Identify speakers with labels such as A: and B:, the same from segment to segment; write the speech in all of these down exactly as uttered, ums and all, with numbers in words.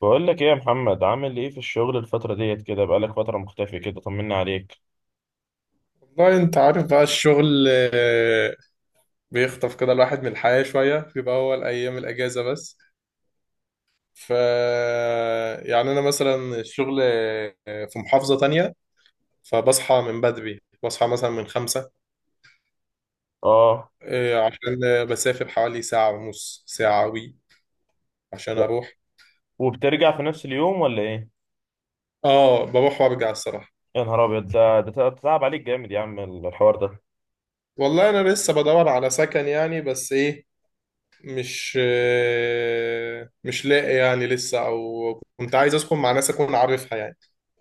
A: بقول لك ايه يا محمد، عامل ايه في الشغل الفترة ديت كده؟ بقالك فترة مختفي كده، طمنا عليك.
B: والله انت عارف بقى الشغل، آه، بيخطف كده الواحد من الحياة شوية، بيبقى هو الأيام الأجازة بس. ف يعني أنا مثلا الشغل آه، في محافظة تانية. فبصحى من بدري، بصحى مثلا من خمسة
A: اه،
B: آه، عشان آه، بسافر حوالي ساعة ونص ساعة وي عشان أروح.
A: وبترجع في نفس اليوم ولا ايه؟
B: اه، بروح وأرجع الصراحة.
A: يا نهار ابيض. ده ده تع- تعب عليك جامد يا عم، الحوار ده.
B: والله أنا لسه بدور على سكن يعني، بس إيه، مش آه، مش لاقي يعني لسه. أو كنت عايز أسكن مع ناس أكون عارفها يعني.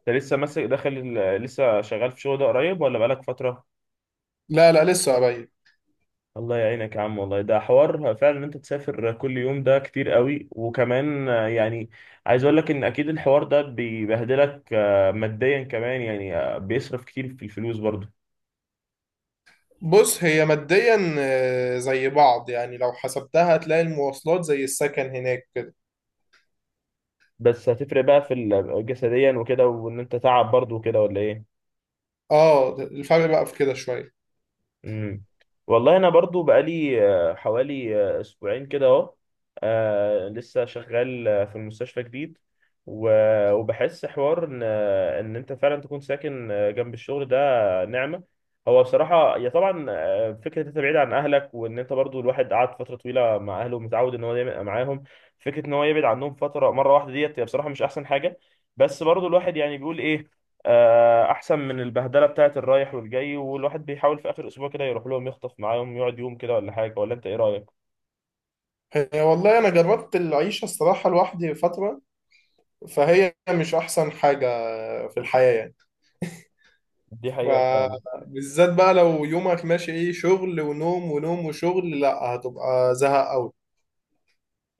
A: انت لسه ماسك داخل ال- لسه شغال في شغل ده قريب ولا بقالك فترة؟
B: لا، لا، لسه قريب.
A: الله يعينك يا عم، والله ده حوار فعلا. ان انت تسافر كل يوم ده كتير قوي، وكمان آه، يعني عايز اقول لك ان اكيد الحوار ده بيبهدلك آه، ماديا كمان، يعني آه، بيصرف كتير في الفلوس برضه.
B: بص، هي ماديا آه، زي بعض يعني، لو حسبتها هتلاقي المواصلات زي السكن هناك كده.
A: بس هتفرق بقى في ال- جسديا وكده، وان انت تعب برضو وكده، ولا ايه؟
B: اه، الفرق بقى في كده شوية.
A: امم. والله انا برضو بقالي آه، حوالي آه، اسبوعين كده اهو. آه، لسه شغال آه، في المستشفى جديد. و- وبحس حوار ان آه، ان انت فعلا تكون ساكن آه، جنب الشغل ده، آه، نعمة. هو بصراحة يا طبعا آه، فكرة انت بعيد عن اهلك، وان انت برضو الواحد قعد فترة طويلة مع اهله، ومتعود ان هو دايما يبقى معاهم. فكرة ان هو يبعد عنهم فترة مرة واحدة ديت هي بصراحة مش احسن حاجة. بس برضو الواحد يعني بيقول ايه، آه، احسن من البهدله بتاعت الرايح والجاي، والواحد بيحاول في اخر اسبوع كده يروح لهم، يخطف معاهم يقعد يوم كده ولا حاجه. ولا انت ايه رايك؟
B: هي والله انا جربت العيشة الصراحة لوحدي فترة، فهي مش احسن حاجة في الحياة يعني.
A: دي حقيقه فعلا.
B: فبالذات بقى لو يومك ماشي ايه، شغل ونوم ونوم وشغل، لا هتبقى زهق قوي.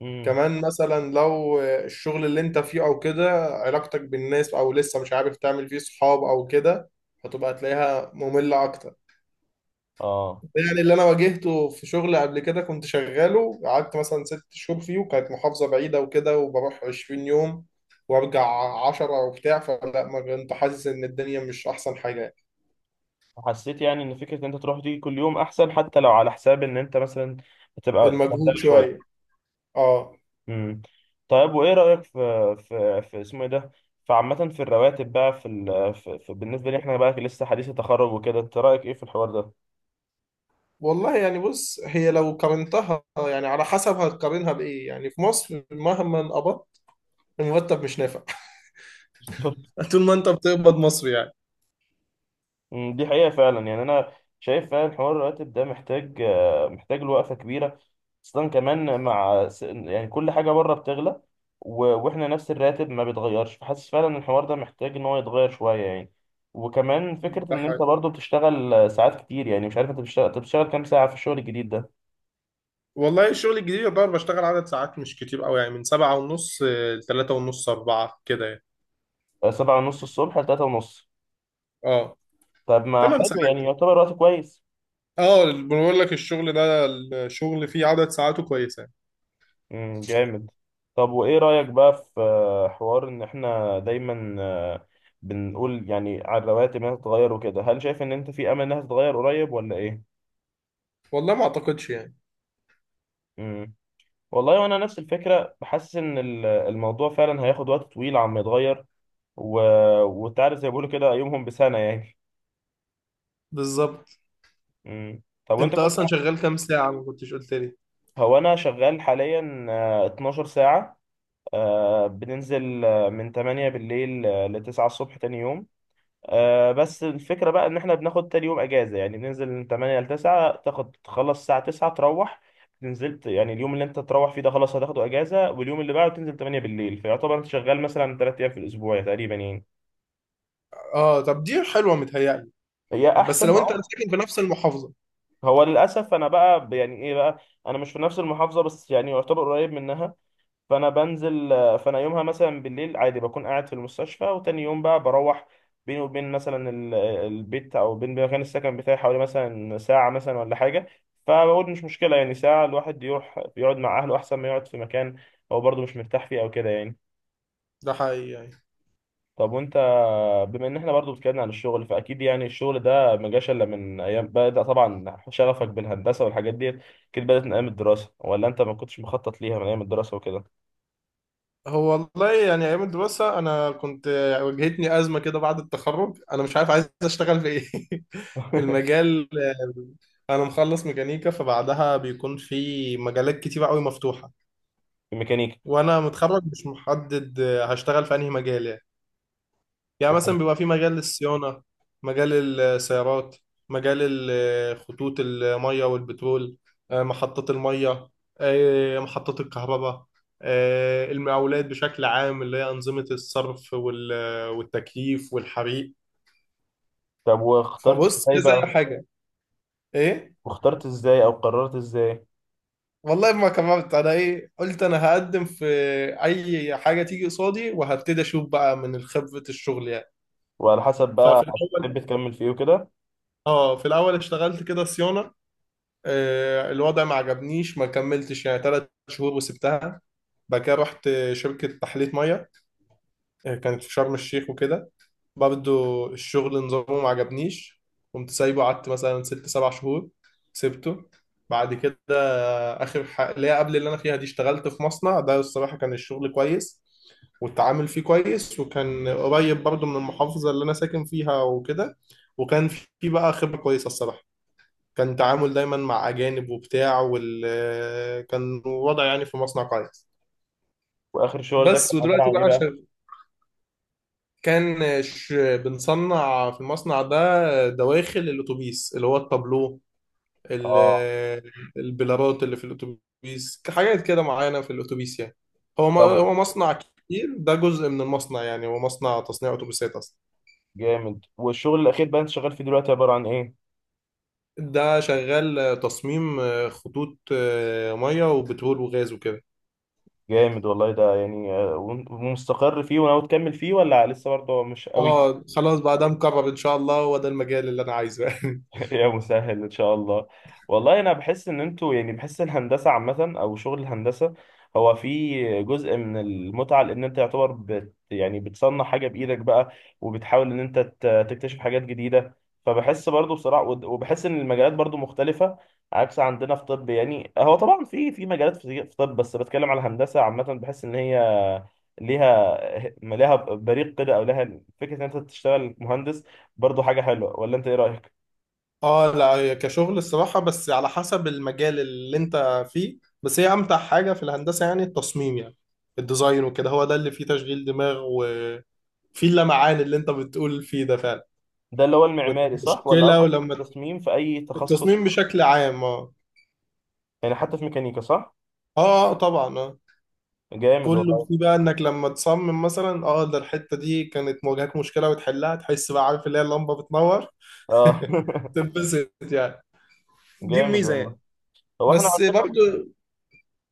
A: امم.
B: كمان مثلا لو الشغل اللي انت فيه او كده، علاقتك بالناس او لسه مش عارف تعمل فيه صحاب او كده، هتبقى تلاقيها مملة اكتر.
A: اه،
B: يعني اللي انا واجهته في شغل قبل كده، كنت شغاله قعدت مثلا ست شهور فيه، وكانت محافظة بعيدة وكده، وبروح عشرين يوم وارجع عشرة وبتاع، فلا ما كنت حاسس ان الدنيا مش احسن حاجة يعني.
A: حسيت يعني ان فكره ان انت تروح دي كل يوم احسن، حتى لو على حساب ان انت مثلا بتبقى
B: المجهود
A: بهدله شويه.
B: شوية. اه.
A: امم. طيب وايه رايك في في في اسمه ايه ده، فعامة في الرواتب بقى، في, ال... في, في بالنسبة لي احنا بقى لسه حديث التخرج وكده، انت رأيك ايه في الحوار ده؟
B: والله يعني بص، هي لو قارنتها يعني على حسب هتقارنها بايه، يعني في مصر مهما قبضت المرتب مش نافع. طول ما انت بتقبض مصري يعني.
A: مم، دي حقيقة فعلا. يعني أنا شايف فعلا حوار الراتب ده محتاج آه، محتاج له وقفة كبيرة، خاصة كمان مع س- يعني كل حاجة بره بتغلى. و- وإحنا نفس الراتب ما بيتغيرش، فحاسس فعلا إن الحوار ده محتاج إن هو يتغير شوية يعني. وكمان فكرة
B: ده
A: إن أنت
B: حقيقي.
A: برضه بتشتغل آه، ساعات كتير، يعني مش عارف. أنت بتشتغل أنت بتشتغل كام ساعة في الشغل الجديد ده؟
B: والله الشغل الجديد يعتبر بشتغل عدد ساعات مش كتير قوي يعني، من سبعة ونص لتلاتة ونص أربعة كده يعني.
A: آه، سبعة ونص الصبح لتلاتة ونص.
B: اه،
A: طب ما
B: تمن
A: حلو يعني،
B: ساعات
A: يعتبر وقت كويس.
B: اه، بقول لك الشغل ده، الشغل فيه عدد ساعاته كويسة يعني.
A: امم، جامد. طب وايه رأيك بقى في، آه، حوار ان احنا دايما، آه، بنقول يعني على الرواتب انها تتغير وكده، هل شايف ان انت في امل انها تتغير قريب ولا ايه؟
B: والله ما أعتقدش يعني.
A: امم. والله وانا نفس الفكرة، بحس ان ال- الموضوع فعلا هياخد وقت طويل عم يتغير. و... وتعرف زي ما بيقولوا كده، يومهم بسنة يعني.
B: بالظبط.
A: امم. طب وانت
B: انت
A: كنت.
B: اصلا شغال كام ساعة؟ ما كنتش قلت لي.
A: هو انا شغال حاليا آه، اثنا عشر ساعة، آه، بننزل آه، من تمانية بالليل ل تسعة الصبح تاني يوم. آه بس الفكرة بقى ان احنا بناخد تاني يوم اجازة يعني، بننزل من تمانية ل تسعة، تاخد تخلص الساعة تسعة تروح، نزلت يعني. اليوم اللي انت تروح فيه ده خلاص هتاخده اجازة، واليوم اللي بعده تنزل تمانية بالليل، فيعتبر انت شغال مثلا ثلاثة ايام في الاسبوع تقريبا يعني.
B: اه، طب دي حلوة متهيألي،
A: هي
B: بس
A: احسن،
B: لو انت
A: اه.
B: ساكن في نفس المحافظة.
A: هو للاسف انا بقى ب- يعني ايه بقى، انا مش في نفس المحافظة بس يعني يعتبر قريب منها، فانا بنزل. فانا يومها مثلا بالليل عادي بكون قاعد في المستشفى، وتاني يوم بقى بروح. بيني وبين مثلا ال- البيت او بين مكان السكن بتاعي حوالي مثلا ساعة مثلا، ولا حاجة. فبقول مش مشكلة يعني، ساعة الواحد يروح يقعد مع اهله احسن ما يقعد في مكان هو برضه مش مرتاح فيه او كده يعني.
B: ده حقيقي يعني.
A: طب وانت، بما ان احنا برضه اتكلمنا عن الشغل، فاكيد يعني الشغل ده ما جاش الا من ايام. بدأ طبعا شغفك بالهندسة والحاجات ديت كده بدأت من ايام الدراسة، ولا انت ما كنتش مخطط ليها من ايام الدراسة وكده؟
B: هو والله يعني ايام الدراسه انا كنت، واجهتني ازمه كده بعد التخرج، انا مش عارف عايز اشتغل في ايه. المجال، انا مخلص ميكانيكا، فبعدها بيكون في مجالات كتير قوي مفتوحه،
A: في ميكانيكا.
B: وانا متخرج مش محدد هشتغل في انهي مجال يعني. يعني مثلا بيبقى في مجال الصيانة، مجال السيارات، مجال ال- خطوط المية والبترول، آه، محطات المية، آه، محطات الكهرباء، آه، المقاولات بشكل عام اللي هي أنظمة الصرف وال- والتكييف والحريق.
A: طب واخترت
B: فبص،
A: ازاي
B: كذا
A: بقى؟
B: حاجة. إيه.
A: واخترت ازاي او قررت ازاي؟
B: والله ما كبرت أنا إيه، قلت أنا هقدم في أي حاجة تيجي قصادي وهبتدي أشوف بقى من خبرة الشغل يعني.
A: وعلى حسب
B: ففي
A: بقى، هتحب
B: الأول
A: تكمل في ايه وكده؟
B: آه في الأول اشتغلت كده صيانة، آه، الوضع ما عجبنيش، ما كملتش يعني ثلاث شهور وسبتها. بعد كده رحت شركة تحلية مية، آه، كانت في شرم الشيخ وكده، برضه الشغل نظامه ما عجبنيش، قمت سايبه قعدت مثلا ست سبع شهور، سبته. بعد كده آخر حاجة اللي هي قبل اللي أنا فيها دي، اشتغلت في مصنع، ده الصراحة كان الشغل كويس والتعامل فيه كويس، وكان قريب برضه من المحافظة اللي أنا ساكن فيها وكده. وكان في بقى خبرة كويسة الصراحة، كان تعامل دايما مع أجانب وبتاع وال، كان وضع يعني في مصنع كويس.
A: واخر شغل ده
B: بس
A: كان عبارة
B: ودلوقتي
A: عن ايه
B: بقى
A: بقى؟
B: شغ... كان ش... بنصنع في المصنع ده دواخل الأتوبيس اللي هو التابلو، ال...
A: اه،
B: البلارات اللي في الأتوبيس، حاجات كده معينة في الأتوبيس يعني. هو م...
A: طب.
B: هو مصنع كبير، ده جزء من المصنع، يعني هو مصنع تصنيع أتوبيسات أصلا.
A: جامد. والشغل الاخير بقى انت شغال فيه دلوقتي عبارة عن ايه؟
B: ده شغال تصميم خطوط آه، مية وبترول وغاز وكده.
A: جامد والله. ده يعني آه، ومستقر فيه وناوي تكمل فيه، ولا لسه برضه مش قوي؟
B: اه، خلاص بقى ده مقرر ان شاء الله، هو ده المجال اللي انا عايزه يعني.
A: يا مسهل ان شاء الله. والله انا بحس ان انتوا يعني، بحس الهندسه عامه او شغل الهندسه هو في جزء من المتعه، لان انت يعتبر بت يعني بتصنع حاجه بايدك بقى، وبتحاول ان انت ت- تكتشف حاجات جديده. فبحس برضو بصراحه، ود- وبحس ان المجالات برضو مختلفه عكس عندنا في طب. يعني هو طبعا في، في مجالات في في طب، بس بتكلم على الهندسه عامه، بحس ان هي ليها ليها بريق كده، او لها فكره ان انت تشتغل مهندس برضو حاجه حلوه، ولا انت ايه رايك؟
B: اه لا، هي كشغل الصراحه بس على حسب المجال اللي انت فيه، بس هي امتع حاجه في الهندسه يعني التصميم يعني، الديزاين وكده، هو ده اللي فيه تشغيل دماغ وفيه اللمعان اللي انت بتقول فيه ده فعلا.
A: ده اللي هو المعماري صح، ولا
B: والمشكله
A: قصدك
B: ولما،
A: التصميم في اي تخصص؟
B: التصميم بشكل عام اه.
A: يعني حتى في ميكانيكا صح؟
B: اه، آه، طبعا اه.
A: جامد
B: كله
A: والله،
B: فيه بقى انك لما تصمم مثلا اه، ده الحته دي كانت مواجهاك مشكله وتحلها، تحس بقى عارف اللي هي اللمبه بتنور.
A: اه.
B: تنبسط يعني. دي
A: جامد
B: الميزه
A: والله.
B: يعني.
A: هو احنا.
B: بس برضه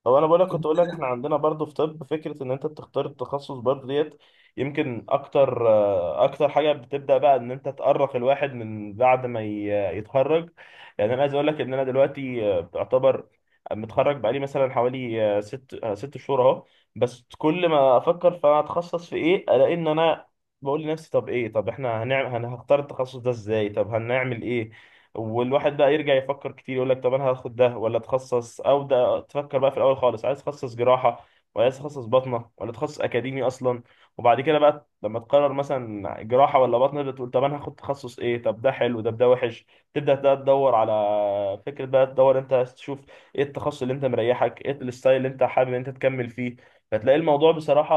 A: هو انا بقولك، كنت
B: كنت
A: اقولك احنا عندنا برضو في طب فكره ان انت بتختار التخصص برضو ديت. يمكن اكتر، آه، اكتر حاجه بتبدا بقى ان انت تقرق الواحد من بعد ما ي- يتخرج. يعني انا عايز اقولك ان انا دلوقتي آه، بعتبر متخرج بقالي مثلا حوالي آه، ست آه، ست شهور اهو. بس كل ما افكر، فانا هتخصص في ايه؟ الاقي ان انا بقول لنفسي، طب ايه؟ طب احنا هنعمل هنختار التخصص ده ازاي؟ طب هنعمل ايه؟ والواحد بقى يرجع يفكر كتير، يقول لك طب انا هاخد ده ولا اتخصص، او ده. تفكر بقى في الاول خالص عايز اتخصص جراحه، ولا عايز اتخصص باطنه، ولا اتخصص اكاديمي اصلا. وبعد كده بقى لما تقرر مثلا جراحه ولا باطنه، بتقول طب انا هاخد تخصص ايه، طب ده حلو ده ده وحش. تبدا بقى تدور على فكره بقى، تدور انت عايز تشوف ايه التخصص اللي انت مريحك، ايه الستايل اللي انت حابب ان انت تكمل فيه. فتلاقي الموضوع بصراحه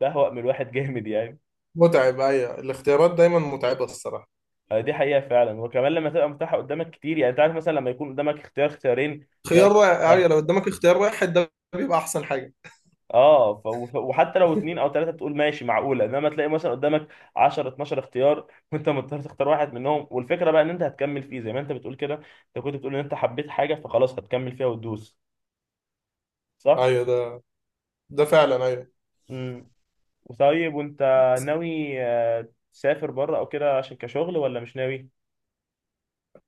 A: بهوأ من الواحد. جامد يعني.
B: متعب، ايوه، الاختيارات دايما متعبه الصراحه.
A: آه، دي حقيقة فعلا. وكمان لما تبقى متاحة قدامك كتير، يعني انت عارف مثلا لما يكون قدامك اختيار اختيارين، بيبقى
B: خيار
A: الموضوع
B: واحد، ايوه
A: سهل.
B: لو قدامك اختيار واحد ده بيبقى احسن حاجه.
A: اه، ف... وف- وحتى لو اتنين او تلاتة تقول ماشي معقولة، انما تلاقي مثلا قدامك عشرة اتناشر اختيار وانت مضطر تختار واحد منهم، والفكرة بقى ان انت هتكمل فيه زي ما انت بتقول كده. انت كنت بتقول ان انت حبيت حاجة فخلاص هتكمل فيها وتدوس، صح؟
B: ايوه ده، ده فعلا، ايوه.
A: امم. طيب وانت ناوي آه، تسافر بره او كده عشان كشغل، ولا مش ناوي؟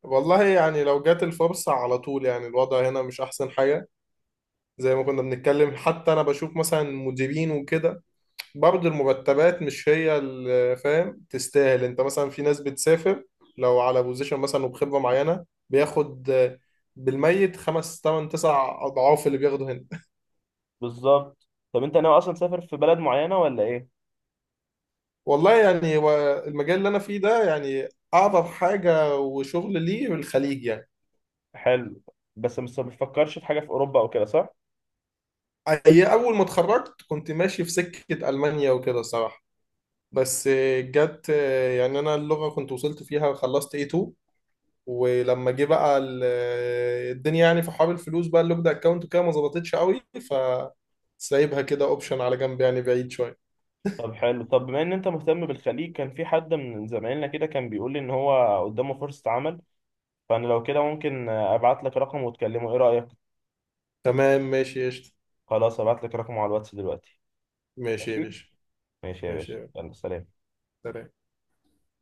B: والله يعني لو جات الفرصه على طول يعني، الوضع هنا مش احسن حاجه، زي ما كنا بنتكلم، حتى انا بشوف مثلا مديرين وكده، برضه المرتبات مش هي اللي فاهم تستاهل. انت مثلا في ناس بتسافر لو على بوزيشن مثلا وبخبره معينه بياخد بالميت خمس تمن تسع اضعاف اللي بياخده هنا.
A: بالظبط. طب انت ناوي اصلا تسافر في بلد معينة ولا ايه؟
B: والله يعني هو المجال اللي انا فيه ده يعني، اعظم حاجه وشغل ليه الخليج يعني.
A: حلو. بس بس ما بتفكرش في حاجة في أوروبا أو كده، صح؟
B: هي اول ما اتخرجت كنت ماشي في سكه المانيا وكده صراحه، بس جت يعني، انا اللغه كنت وصلت فيها، خلصت إيه تو. ولما جه بقى ال- الدنيا يعني في حوار الفلوس بقى، اللوك ده اكونت وكده ما ظبطتش قوي، فسايبها كده اوبشن على جنب يعني، بعيد شويه.
A: طب حلو. طب بما إن أنت مهتم بالخليج، كان في حد من زمايلنا كده كان بيقول لي إن هو قدامه فرصة عمل، فأنا لو كده ممكن أبعت لك رقمه وتكلمه، إيه رأيك؟
B: تمام ماشي قشطة.
A: خلاص، أبعت لك رقمه على الواتس دلوقتي.
B: ماشي يا
A: ماشي؟
B: باشا.
A: ماشي يا
B: ماشي
A: باشا،
B: يا باشا.
A: يلا سلام.
B: سلام.